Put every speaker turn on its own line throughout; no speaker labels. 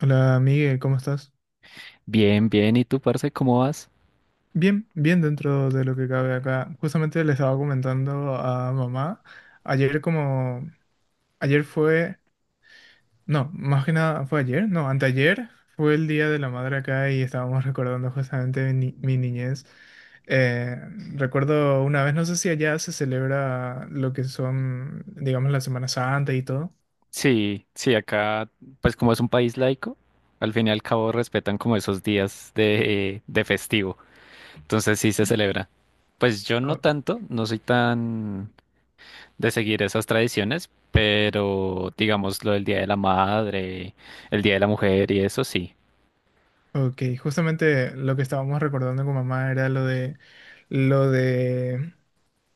Hola Miguel, ¿cómo estás?
Bien, bien. ¿Y tú, parce, cómo vas?
Bien, bien dentro de lo que cabe acá. Justamente le estaba comentando a mamá, ayer como, ayer fue, no, más que nada fue ayer, no, anteayer fue el Día de la Madre acá y estábamos recordando justamente mi, ni- mi niñez. Eh, Recuerdo una vez, no sé si allá se celebra lo que son, digamos, la Semana Santa y todo.
Sí, sí, acá, pues como es un país laico, al fin y al cabo respetan como esos días de, de festivo. Entonces sí se celebra. Pues yo no
O-
tanto, no soy tan de seguir esas tradiciones, pero digamos lo del Día de la Madre, el Día de la Mujer y eso sí.
Ok, justamente lo que estábamos recordando con mamá era lo de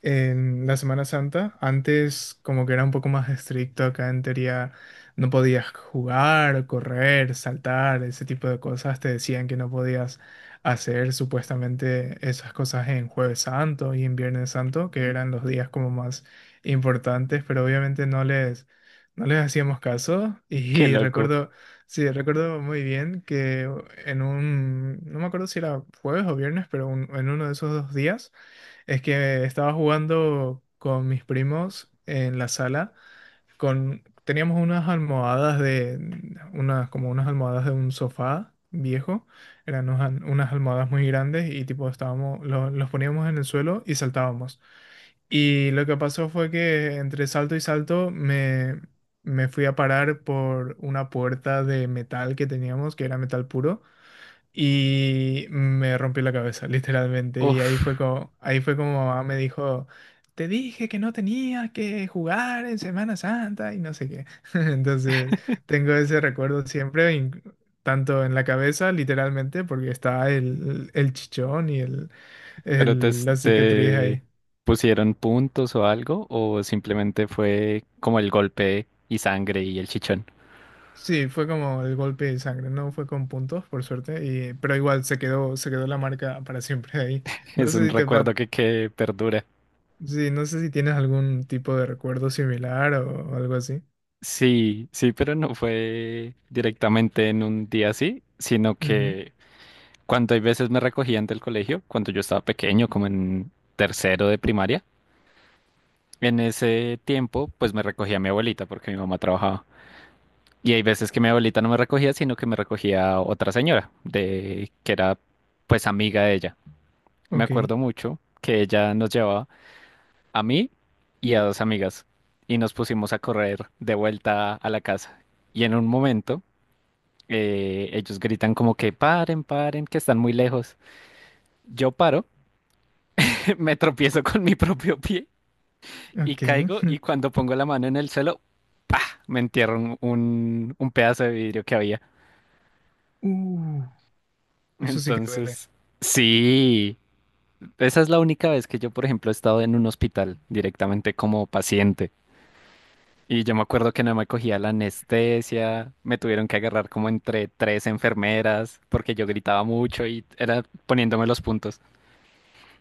en la Semana Santa. Antes como que era un poco más estricto acá en teoría, no podías jugar, correr, saltar, ese tipo de cosas. Te decían que no podías hacer supuestamente esas cosas en Jueves Santo y en Viernes Santo, que eran los días como más importantes, pero obviamente no les hacíamos caso.
Qué
Y
loco.
recuerdo, sí, recuerdo muy bien que en no me acuerdo si era jueves o viernes, pero en uno de esos dos días es que estaba jugando con mis primos en la sala, con teníamos unas almohadas de unas almohadas de un sofá viejo, eran unas almohadas muy grandes y tipo estábamos los poníamos en el suelo y saltábamos. Y lo que pasó fue que entre salto y salto me fui a parar por una puerta de metal que teníamos, que era metal puro. Y me rompí la cabeza, literalmente. Y
Uf,
ahí fue como mamá me dijo, te dije que no tenías que jugar en Semana Santa y no sé qué. Entonces, tengo ese recuerdo siempre, tanto en la cabeza, literalmente, porque está el chichón y
pero te,
la cicatriz ahí.
te pusieron puntos o algo, o simplemente fue como el golpe y sangre y el chichón.
Sí, fue como el golpe de sangre, no fue con puntos, por suerte, y, pero igual se quedó la marca para siempre ahí. No
Es un
sé si te,
recuerdo
pa-
que perdura.
Sí, no sé si tienes algún tipo de recuerdo similar o algo así.
Sí, sí, pero no fue directamente en un día así, sino
Ujú,
que cuando hay veces me recogían del colegio, cuando yo estaba pequeño, como en tercero de primaria, en ese tiempo pues me recogía mi abuelita porque mi mamá trabajaba. Y hay veces que mi abuelita no me recogía, sino que me recogía otra señora, de que era pues amiga de ella. Me
ok,
acuerdo mucho que ella nos llevaba a mí y a dos amigas y nos pusimos a correr de vuelta a la casa. Y en un momento ellos gritan como que paren, paren, que están muy lejos. Yo paro, me tropiezo con mi propio pie y
ok.
caigo y cuando pongo la mano en el suelo, ¡pah!, me entierro un pedazo de vidrio que había.
Uh, eso sí que duele.
Entonces, sí, esa es la única vez que yo, por ejemplo, he estado en un hospital directamente como paciente. Y yo me acuerdo que no me cogía la anestesia, me tuvieron que agarrar como entre tres enfermeras porque yo gritaba mucho y era poniéndome los puntos.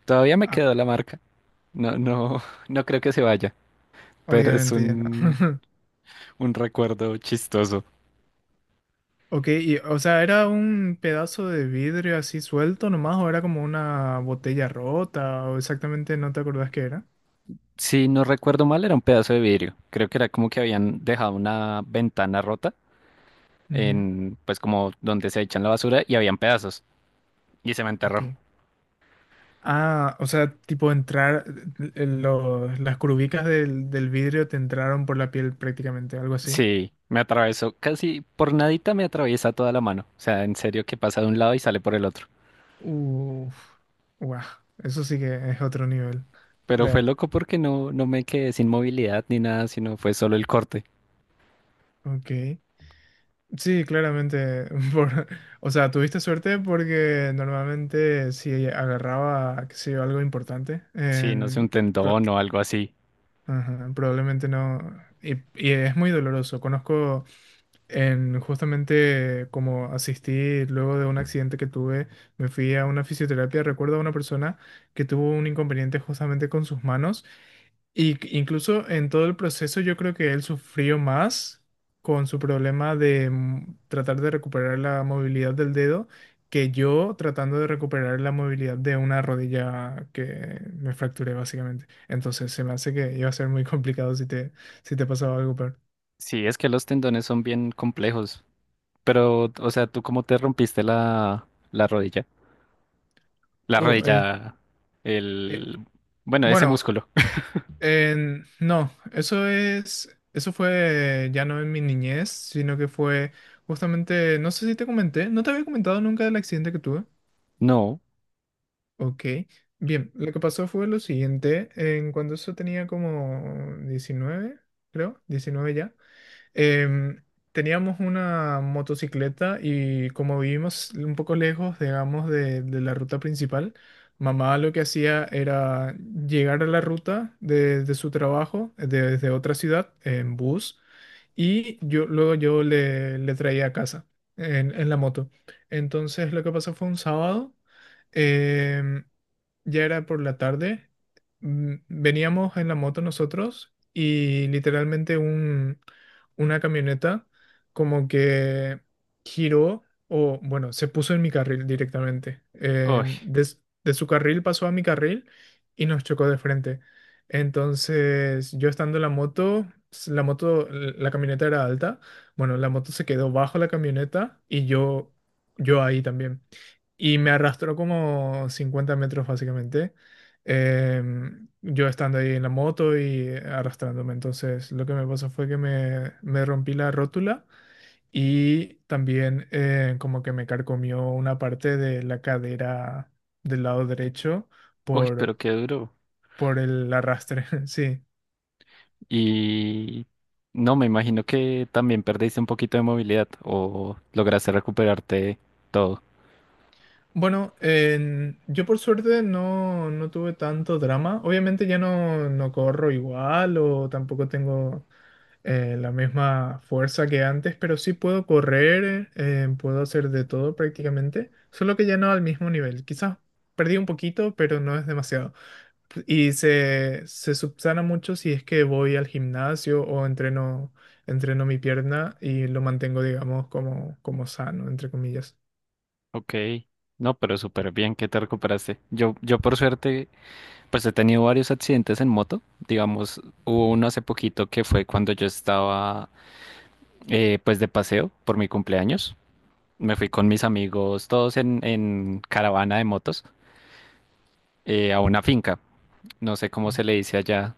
Todavía me
Ah,
quedó la marca. No, no, no creo que se vaya, pero es
obviamente ya no.
un, un recuerdo chistoso.
Ok, y, o sea, ¿era un pedazo de vidrio así suelto nomás o era como una botella rota o exactamente no te acordás qué era?
Si no recuerdo mal, era un pedazo de vidrio. Creo que era como que habían dejado una ventana rota
Ujú,
en, pues como donde se echan la basura y habían pedazos y se me enterró.
ok. Ah, o sea, las curvicas del vidrio te entraron por la piel prácticamente, algo así.
Sí, me atravesó, casi por nadita me atraviesa toda la mano. O sea, en serio que pasa de un lado y sale por el otro.
Uf, guau, eso sí que es otro nivel.
Pero fue
De,
loco porque no, no me quedé sin movilidad ni nada, sino fue solo el corte.
ok. Sí, claramente. Por, o sea, tuviste suerte porque normalmente si agarraba, qué sé yo, algo importante,
Sí, no sé, un
pro-
tendón o algo así.
ajá, probablemente no. Y es muy doloroso. Conozco en justamente como asistí luego de un accidente que tuve, me fui a una fisioterapia. Recuerdo a una persona que tuvo un inconveniente justamente con sus manos. Y incluso en todo el proceso yo creo que él sufrió más con su problema de tratar de recuperar la movilidad del dedo que yo tratando de recuperar la movilidad de una rodilla que me fracturé básicamente. Entonces se me hace que iba a ser muy complicado si te pasaba algo peor.
Sí, es que los tendones son bien complejos. Pero, o sea, ¿tú cómo te rompiste la rodilla? La
Oh, el,
rodilla,
eh,
el, bueno, ese
bueno,
músculo.
no, eso fue ya no en mi niñez, sino que fue justamente, no sé si te comenté, no te había comentado nunca del accidente que tuve.
No.
Ok, bien, lo que pasó fue lo siguiente, en cuando eso tenía como 19, creo, 19 ya, em, teníamos una motocicleta y como vivimos un poco lejos, digamos, de la ruta principal, mamá lo que hacía era llegar a la ruta de su trabajo, desde otra ciudad, en bus, y yo luego yo le, le traía a casa en la moto. Entonces lo que pasó fue un sábado. em, ya era por la tarde, veníamos en la moto nosotros y literalmente una camioneta como que giró o bueno, se puso en mi carril directamente.
Uy,
De su carril pasó a mi carril y nos chocó de frente. Entonces yo estando en la moto, la camioneta era alta, bueno, la moto se quedó bajo la camioneta y yo ahí también y me arrastró como 50 metros básicamente. Yo estando ahí en la moto y arrastrándome. Entonces lo que me pasó fue que me rompí la rótula y también como que me carcomió una parte de la cadera del lado derecho
uy,
por,
pero qué duro.
por el arrastre. Sí.
Y no, me imagino que también perdiste un poquito de movilidad o lograste recuperarte todo.
Bueno, yo por suerte no, no tuve tanto drama. Obviamente ya no, no corro igual o tampoco tengo la misma fuerza que antes, pero sí puedo correr, puedo hacer de todo prácticamente, solo que ya no al mismo nivel. Quizás perdí un poquito, pero no es demasiado. Y se subsana mucho si es que voy al gimnasio o entreno, entreno mi pierna y lo mantengo, digamos, como, como sano, entre comillas.
Ok, no, pero súper bien que te recuperaste. Yo por suerte, pues he tenido varios accidentes en moto. Digamos, hubo uno hace poquito que fue cuando yo estaba pues de paseo por mi cumpleaños. Me fui con mis amigos, todos en, caravana de motos, a una finca. No sé cómo se le dice allá.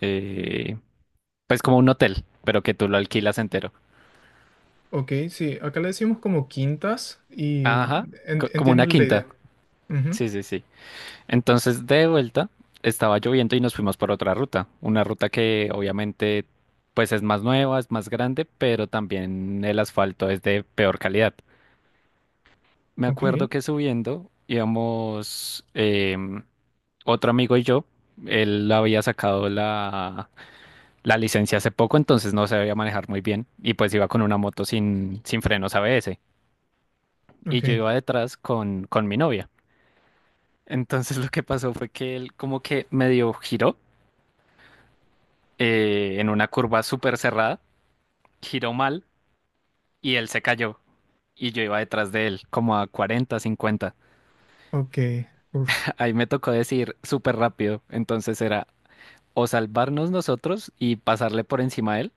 eh, Pues como un hotel, pero que tú lo alquilas entero.
Ok, sí, acá le decimos como quintas y
Ajá, como una
entiendo la
quinta.
idea. Ujú,
Sí, sí, sí. Entonces, de vuelta, estaba lloviendo y nos fuimos por otra ruta. Una ruta que obviamente, pues es más nueva, es más grande, pero también el asfalto es de peor calidad. Me
ok,
acuerdo que subiendo íbamos otro amigo y yo. Él había sacado la licencia hace poco, entonces no sabía manejar muy bien y pues iba con una moto sin frenos ABS. Y
ok,
yo iba detrás con mi novia. Entonces lo que pasó fue que él como que medio giró en una curva súper cerrada, giró mal y él se cayó. Y yo iba detrás de él, como a 40 50.
ok, uf,
Ahí me tocó decir súper rápido. Entonces era o salvarnos nosotros y pasarle por encima a él,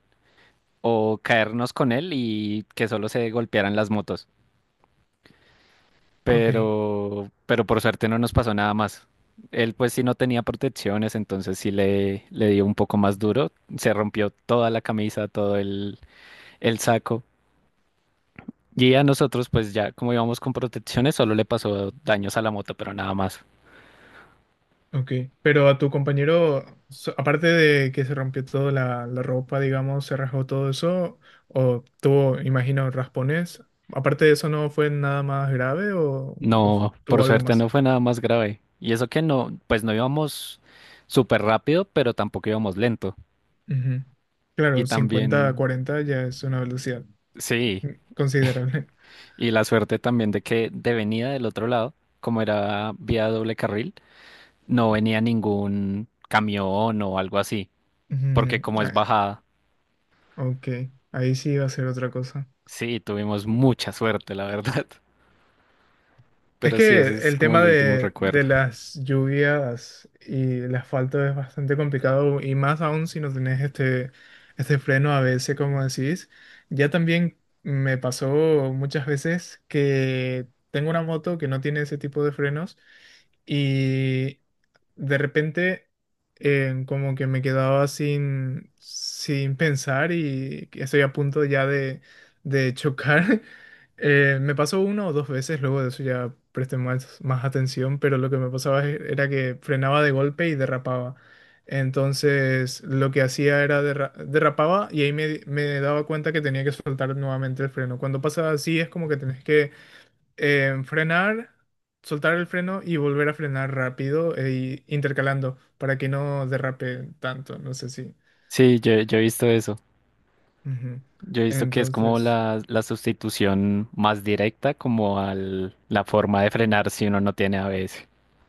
o caernos con él y que solo se golpearan las motos.
ok.
Pero por suerte no nos pasó nada más. Él pues sí no tenía protecciones, entonces sí le dio un poco más duro. Se rompió toda la camisa, todo el saco. Y a nosotros pues ya como íbamos con protecciones, solo le pasó daños a la moto, pero nada más.
Ok, pero a tu compañero, aparte de que se rompió toda la ropa, digamos, se rasgó todo eso, o tuvo, imagino, raspones, aparte de eso no fue nada más grave o,
No, por
tuvo algo
suerte
más.
no fue nada más grave. Y eso que no, pues no íbamos súper rápido, pero tampoco íbamos lento.
Ujú.
Y
Claro, 50, a
también,
40 ya es una velocidad
sí,
mm, considerable.
y la suerte también de que de venida del otro lado, como era vía doble carril, no venía ningún camión o algo así, porque
Ujú,
como es
ah,
bajada,
ok, ahí sí iba a ser otra cosa.
sí, tuvimos mucha suerte, la verdad.
Es
Pero sí,
que
ese es
el
como
tema
el último
de
recuerdo.
las lluvias y el asfalto es bastante complicado y más aún si no tenés este freno a veces como decís. Ya también me pasó muchas veces que tengo una moto que no tiene ese tipo de frenos y de repente como que me quedaba sin, sin pensar y que estoy a punto ya de chocar. Me pasó una o dos veces, luego de eso ya presté más, más atención, pero lo que me pasaba era que frenaba de golpe y derrapaba. Entonces lo que hacía era derrapaba y ahí me daba cuenta que tenía que soltar nuevamente el freno. Cuando pasa así es como que tenés que frenar, soltar el freno y volver a frenar rápido e intercalando para que no derrape tanto, no sé si.
Sí, yo he visto eso.
Ujú.
Yo he visto que es como
Entonces...
la sustitución más directa como a la forma de frenar si uno no tiene ABS.